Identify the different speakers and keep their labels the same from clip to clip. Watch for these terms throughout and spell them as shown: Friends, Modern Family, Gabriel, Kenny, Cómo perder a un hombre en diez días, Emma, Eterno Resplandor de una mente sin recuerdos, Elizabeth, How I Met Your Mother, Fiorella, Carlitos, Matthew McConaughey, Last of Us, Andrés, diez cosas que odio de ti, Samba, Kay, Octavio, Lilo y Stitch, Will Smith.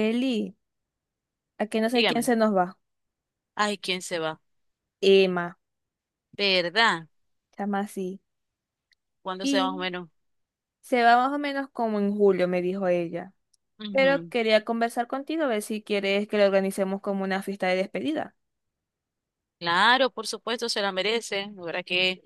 Speaker 1: Eli, a que no sé quién
Speaker 2: Dígame.
Speaker 1: se nos va.
Speaker 2: Ay, ¿quién se va?
Speaker 1: Emma,
Speaker 2: ¿Verdad?
Speaker 1: llama así.
Speaker 2: ¿Cuándo se va más o
Speaker 1: Y
Speaker 2: menos?
Speaker 1: se va más o menos como en julio, me dijo ella. Pero
Speaker 2: Ujú.
Speaker 1: quería conversar contigo a ver si quieres que le organicemos como una fiesta de despedida.
Speaker 2: Claro, por supuesto, se la merece. La verdad que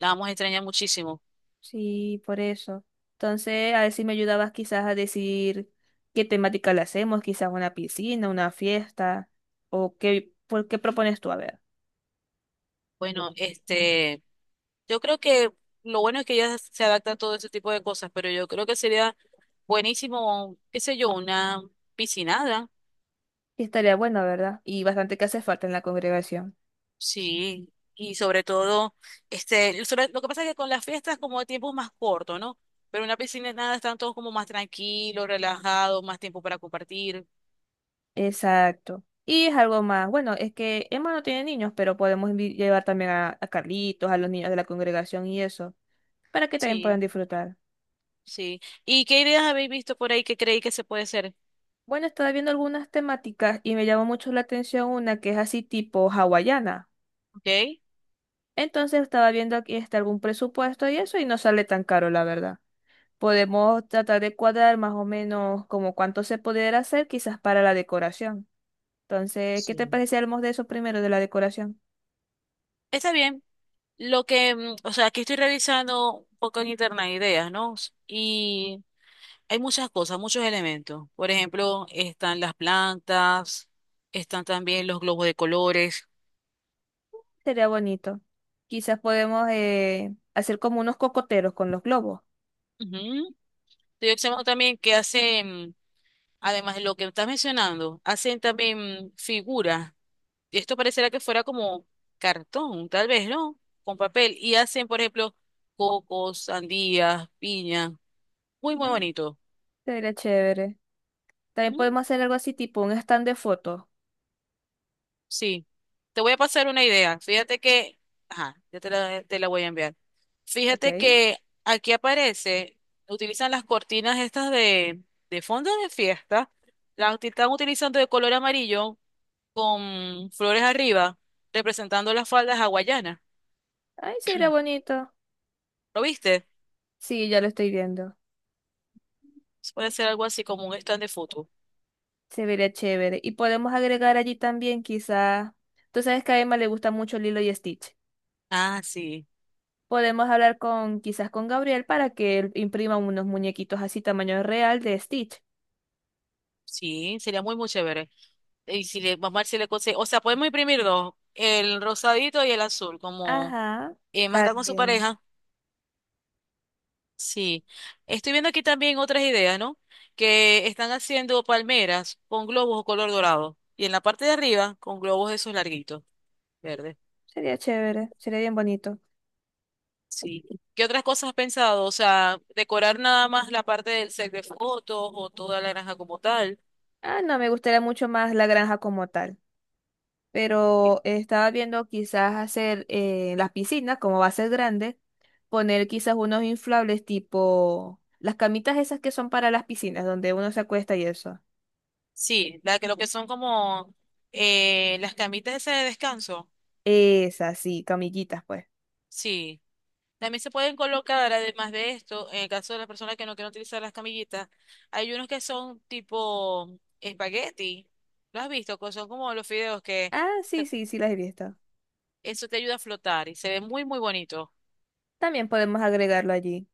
Speaker 2: la vamos a extrañar muchísimo.
Speaker 1: Sí, por eso. Entonces, a ver si me ayudabas quizás a decir qué temática le hacemos, quizás una piscina, una fiesta, o qué, por qué propones tú, a ver.
Speaker 2: Bueno, yo creo que lo bueno es que ya se adapta a todo ese tipo de cosas, pero yo creo que sería buenísimo, qué sé yo, una piscinada.
Speaker 1: Y estaría bueno, ¿verdad? Y bastante que hace falta en la congregación.
Speaker 2: Sí. Y sobre todo, lo que pasa es que con las fiestas como el tiempo es más corto, ¿no? Pero en una piscinada están todos como más tranquilos, relajados, más tiempo para compartir.
Speaker 1: Exacto. Y es algo más. Bueno, es que Emma no tiene niños, pero podemos llevar también a Carlitos, a los niños de la congregación y eso, para que también puedan
Speaker 2: Sí.
Speaker 1: disfrutar.
Speaker 2: Sí. ¿Y qué ideas habéis visto por ahí que creéis que se puede hacer?
Speaker 1: Bueno, estaba viendo algunas temáticas y me llamó mucho la atención una que es así tipo hawaiana.
Speaker 2: Ok.
Speaker 1: Entonces estaba viendo aquí está algún presupuesto y eso y no sale tan caro, la verdad. Podemos tratar de cuadrar más o menos como cuánto se pudiera hacer quizás para la decoración. Entonces, ¿qué te
Speaker 2: Sí.
Speaker 1: parece si hablamos de eso primero, de la decoración?
Speaker 2: Está bien. O sea, aquí estoy revisando un poco en internet ideas, ¿no? Y hay muchas cosas, muchos elementos. Por ejemplo, están las plantas, están también los globos de colores.
Speaker 1: Sería bonito. Quizás podemos hacer como unos cocoteros con los globos.
Speaker 2: Ujú. Estoy observando también que hacen, además de lo que estás mencionando, hacen también figuras, esto parecerá que fuera como cartón, tal vez, ¿no? Con papel. Y hacen, por ejemplo, cocos, sandías, piña. Muy, muy
Speaker 1: Ah.
Speaker 2: bonito.
Speaker 1: Sería chévere. También
Speaker 2: Mm,
Speaker 1: podemos hacer algo así, tipo un stand de fotos.
Speaker 2: Sí. Te voy a pasar una idea. Fíjate que, ajá, ya te la voy a enviar.
Speaker 1: ¿Ok?
Speaker 2: Fíjate
Speaker 1: Ay,
Speaker 2: que aquí aparece, utilizan las cortinas estas de fondo de fiesta. Están utilizando de color amarillo con flores arriba, representando las faldas hawaianas.
Speaker 1: se vería bonito.
Speaker 2: ¿Lo viste?
Speaker 1: Sí, ya lo estoy viendo.
Speaker 2: Puede ser algo así como un stand de foto.
Speaker 1: Se vería chévere. Y podemos agregar allí también, quizás. Tú sabes que a Emma le gusta mucho Lilo y Stitch.
Speaker 2: Ah, sí,
Speaker 1: Podemos hablar con, quizás con Gabriel para que él imprima unos muñequitos así tamaño real de Stitch.
Speaker 2: sí, sería muy, muy chévere. Y si le, vamos a ver si le consigue, o sea, podemos imprimir dos, el rosadito y el azul, como
Speaker 1: Ajá.
Speaker 2: más
Speaker 1: Ay,
Speaker 2: está con su pareja. Sí, estoy viendo aquí también otras ideas, ¿no? Que están haciendo palmeras con globos o color dorado. Y en la parte de arriba, con globos esos larguitos, verdes.
Speaker 1: sería chévere. Sería bien bonito.
Speaker 2: Sí. ¿Qué otras cosas has pensado? O sea, decorar nada más la parte del set de fotos o toda la granja como tal.
Speaker 1: Ah, no, me gustaría mucho más la granja como tal. Pero estaba viendo quizás hacer las piscinas, como va a ser grande, poner quizás unos inflables tipo las camitas esas que son para las piscinas, donde uno se acuesta y eso.
Speaker 2: Sí, la que lo que son como las camitas esas de descanso.
Speaker 1: Esas, sí, camillitas, pues.
Speaker 2: Sí. También se pueden colocar, además de esto, en el caso de las personas que no quieren utilizar las camillitas, hay unos que son tipo espagueti. ¿Lo has visto? Son como los fideos que
Speaker 1: Ah, sí,
Speaker 2: eh,
Speaker 1: sí, sí, las he visto.
Speaker 2: eso te ayuda a flotar y se ve muy, muy bonito.
Speaker 1: También podemos agregarlo allí.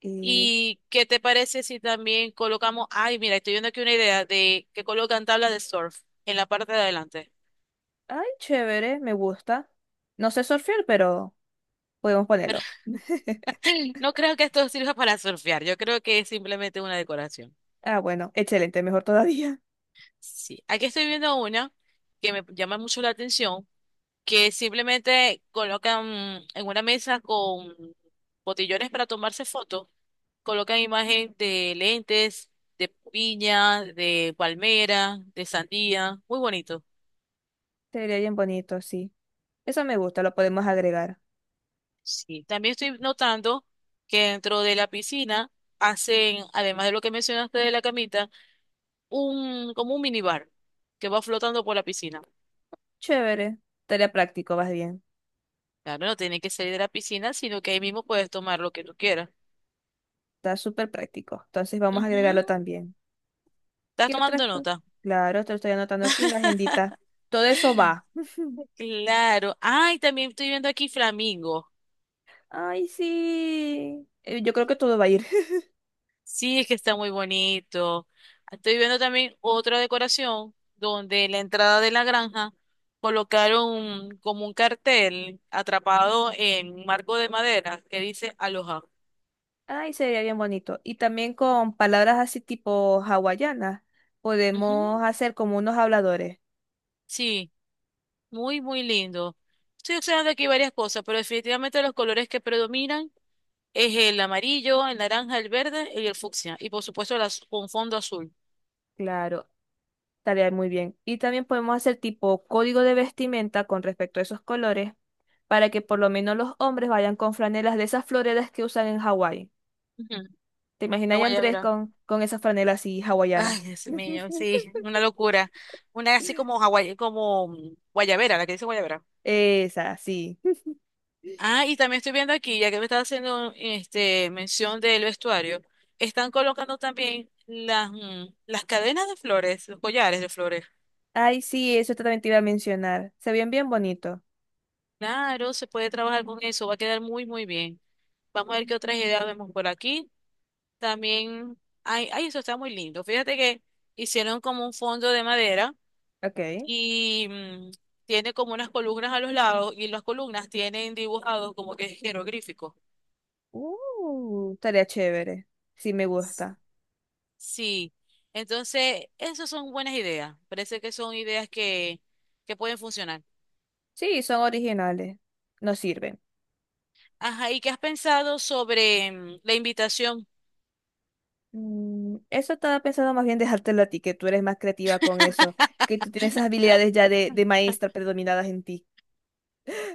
Speaker 1: Y,
Speaker 2: ¿Y qué te parece si también colocamos, ay, mira, estoy viendo aquí una idea de que colocan tablas de surf en la parte de adelante?
Speaker 1: ay, chévere, me gusta. No sé surfear, pero podemos ponerlo.
Speaker 2: No creo que esto sirva para surfear, yo creo que es simplemente una decoración.
Speaker 1: Ah, bueno, excelente, mejor todavía.
Speaker 2: Sí, aquí estoy viendo una que me llama mucho la atención, que simplemente colocan en una mesa con botellones para tomarse fotos, colocan imagen de lentes, de piña, de palmera, de sandía, muy bonito.
Speaker 1: Sería bien bonito, sí. Eso me gusta, lo podemos agregar.
Speaker 2: Sí, también estoy notando que dentro de la piscina hacen, además de lo que mencionaste de la camita, un como un minibar que va flotando por la piscina.
Speaker 1: Chévere. Tarea práctico, vas bien.
Speaker 2: Claro, no tiene que salir de la piscina, sino que ahí mismo puedes tomar lo que tú quieras.
Speaker 1: Está súper práctico. Entonces vamos a agregarlo
Speaker 2: Ujú.
Speaker 1: también.
Speaker 2: ¿Estás
Speaker 1: ¿Qué otras
Speaker 2: tomando
Speaker 1: cosas?
Speaker 2: nota?
Speaker 1: Claro, te lo estoy anotando aquí en la agendita. Todo eso va.
Speaker 2: Claro. Ay, también estoy viendo aquí flamingo.
Speaker 1: Ay, sí. Yo creo que todo va a ir.
Speaker 2: Sí, es que está muy bonito. Estoy viendo también otra decoración donde en la entrada de la granja colocaron como un cartel atrapado en un marco de madera que dice Aloha.
Speaker 1: Ay, sería bien bonito. Y también con palabras así tipo hawaianas, podemos
Speaker 2: Ujú.
Speaker 1: hacer como unos habladores.
Speaker 2: Sí, muy, muy lindo. Estoy observando aquí varias cosas, pero definitivamente los colores que predominan es el amarillo, el naranja, el verde y el fucsia. Y por supuesto las, con fondo azul.
Speaker 1: Claro, tarea muy bien. Y también podemos hacer tipo código de vestimenta con respecto a esos colores para que por lo menos los hombres vayan con franelas de esas floreras que usan en Hawái.
Speaker 2: Ujú.
Speaker 1: ¿Te
Speaker 2: La
Speaker 1: imaginas a Andrés
Speaker 2: guayabera.
Speaker 1: con esas franelas así hawaianas?
Speaker 2: Ay, Dios mío, sí, una locura. Una así como guayabera, la que dice guayabera.
Speaker 1: Esa, sí.
Speaker 2: Ah, y también estoy viendo aquí, ya que me estás haciendo mención del vestuario, están colocando también las cadenas de flores, los collares de flores.
Speaker 1: Ay, sí, eso también te iba a mencionar. Se ven bien bonito.
Speaker 2: Claro, se puede trabajar con eso, va a quedar muy, muy bien. Vamos a ver qué
Speaker 1: Ujú.
Speaker 2: otras ideas vemos por aquí. También, ay, ay, eso está muy lindo. Fíjate que hicieron como un fondo de madera
Speaker 1: Ok.
Speaker 2: y, tiene como unas columnas a los lados y las columnas tienen dibujados como que jeroglíficos.
Speaker 1: Estaría chévere. Sí, me gusta.
Speaker 2: Sí, entonces esas son buenas ideas. Parece que que pueden funcionar.
Speaker 1: Sí, son originales. No sirven.
Speaker 2: Ajá, ¿y qué has pensado sobre la invitación?
Speaker 1: Mm, eso estaba pensando más bien dejártelo a ti, que tú eres más creativa con eso, que tú tienes esas habilidades ya de maestra predominadas en ti.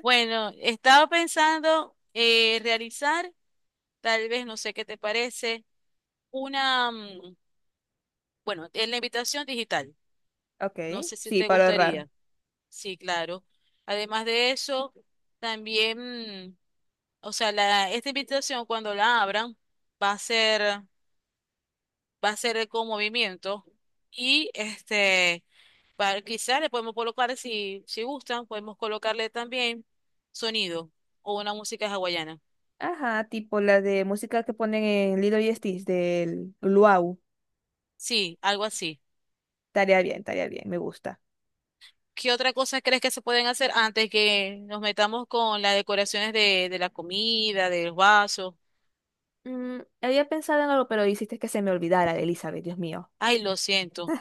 Speaker 2: Bueno, estaba pensando realizar, tal vez, no sé qué te parece, una, mm, bueno, en la invitación digital.
Speaker 1: Ok,
Speaker 2: No sé si
Speaker 1: sí,
Speaker 2: te
Speaker 1: para ahorrar.
Speaker 2: gustaría. Sí, claro. Además de eso, también mm, o sea, esta invitación cuando la abran va a ser, va a ser con movimiento y para, quizás le podemos colocar, si gustan, podemos colocarle también sonido o una música hawaiana.
Speaker 1: Ajá, tipo la de música que ponen en Lilo y Stitch del Luau.
Speaker 2: Sí, algo así.
Speaker 1: Tarea bien, me gusta.
Speaker 2: ¿Qué otra cosa crees que se pueden hacer antes que nos metamos con las decoraciones de la comida, del vaso?
Speaker 1: Mm, había pensado en algo, pero hiciste que se me olvidara, Elizabeth, Dios mío.
Speaker 2: Ay, lo siento.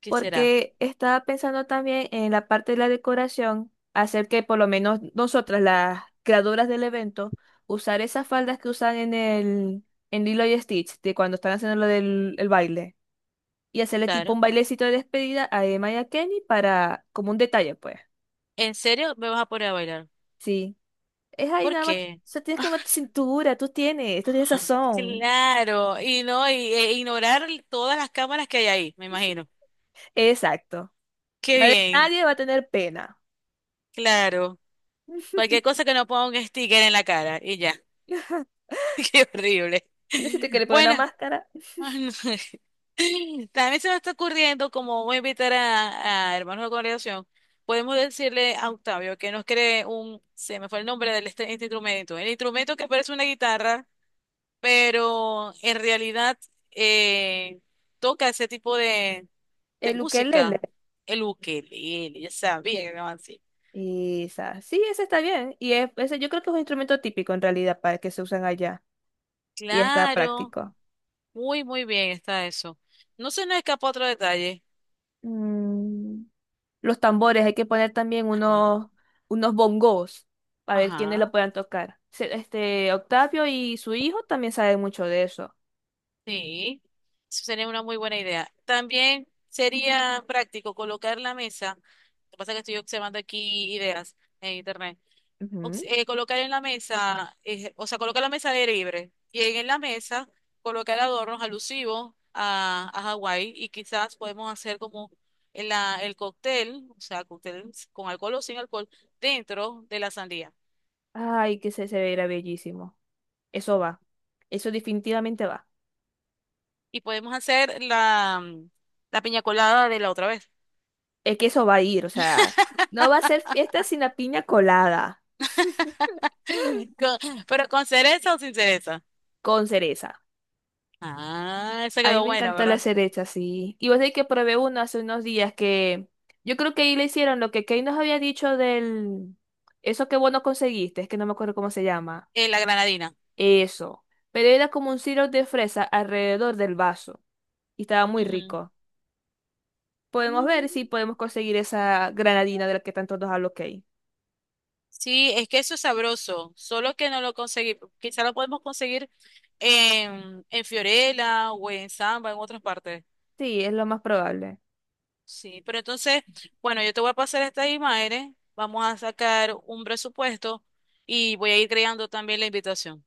Speaker 2: ¿Qué será?
Speaker 1: Porque estaba pensando también en la parte de la decoración, hacer que por lo menos nosotras, las creadoras del evento, usar esas faldas que usan en el en Lilo y Stitch, de cuando están haciendo lo del el baile, y hacerle tipo
Speaker 2: Claro.
Speaker 1: un bailecito de despedida a Emma y a Kenny para, como un detalle, pues.
Speaker 2: ¿En serio me vas a poner a bailar?
Speaker 1: Sí. Es ahí
Speaker 2: ¿Por
Speaker 1: nada más. O
Speaker 2: qué?
Speaker 1: sea, tienes como cintura, tú tienes sazón.
Speaker 2: Claro, y no, y, e ignorar todas las cámaras que hay ahí, me imagino.
Speaker 1: Exacto.
Speaker 2: Qué
Speaker 1: Nadie,
Speaker 2: bien,
Speaker 1: nadie va a tener pena.
Speaker 2: claro. Cualquier cosa que no ponga un sticker en la cara y ya. Qué horrible.
Speaker 1: No sé si te quiere poner una
Speaker 2: Bueno,
Speaker 1: máscara.
Speaker 2: ay, no. También se me está ocurriendo, como voy a invitar a hermanos de congregación, podemos decirle a Octavio que nos cree un, se me fue el nombre del este instrumento, el instrumento que parece una guitarra, pero en realidad eh, toca ese tipo de
Speaker 1: El
Speaker 2: música,
Speaker 1: ukelele.
Speaker 2: el ukelele, ya sabía que era así.
Speaker 1: Esa. Sí, ese está bien. Y es, ese yo creo que es un instrumento típico en realidad para que se usan allá. Y está
Speaker 2: Claro,
Speaker 1: práctico.
Speaker 2: muy, muy bien está eso. No se nos escapa otro detalle.
Speaker 1: Mm, los tambores, hay que poner también unos, unos bongos para ver quiénes lo
Speaker 2: Ajá,
Speaker 1: puedan tocar. Este, Octavio y su hijo también saben mucho de eso.
Speaker 2: sí, eso sería una muy buena idea. También sería práctico colocar la mesa. Lo que pasa es que estoy observando aquí ideas en internet. Colocar en la mesa, o sea, colocar la mesa de libre y en la mesa colocar adornos alusivos a Hawái y quizás podemos hacer como el cóctel, o sea, cóctel con alcohol o sin alcohol, dentro de la sandía.
Speaker 1: Ay, que se verá bellísimo. Eso va. Eso definitivamente va.
Speaker 2: Y podemos hacer la piña colada de la otra vez.
Speaker 1: Es que eso va a ir, o sea, no va a ser fiesta sin la piña colada,
Speaker 2: Con- pero con cereza o sin cereza.
Speaker 1: con cereza.
Speaker 2: Ah, esa
Speaker 1: A mí
Speaker 2: quedó
Speaker 1: me
Speaker 2: buena,
Speaker 1: encanta la
Speaker 2: ¿verdad?
Speaker 1: cereza, sí. Y vos sabés que probé uno hace unos días que yo creo que ahí le hicieron lo que Kay nos había dicho del... Eso que vos no conseguiste, es que no me acuerdo cómo se llama.
Speaker 2: La granadina.
Speaker 1: Eso. Pero era como un sirope de fresa alrededor del vaso. Y estaba muy rico. Podemos ver
Speaker 2: Ujú.
Speaker 1: si podemos conseguir esa granadina de la que tanto nos habló Kay.
Speaker 2: Sí, es que eso es sabroso, solo que no lo conseguí. Quizá lo podemos conseguir en Fiorella o en Samba, en otras partes.
Speaker 1: Sí, es lo más probable.
Speaker 2: Sí, pero entonces, bueno, yo te voy a pasar estas imágenes, vamos a sacar un presupuesto y voy a ir creando también la invitación.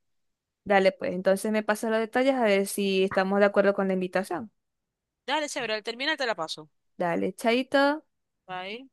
Speaker 1: Dale, pues, entonces me pasa los detalles a ver si estamos de acuerdo con la invitación.
Speaker 2: Dale, chévere, al terminar te la paso.
Speaker 1: Dale, chaito.
Speaker 2: Bye.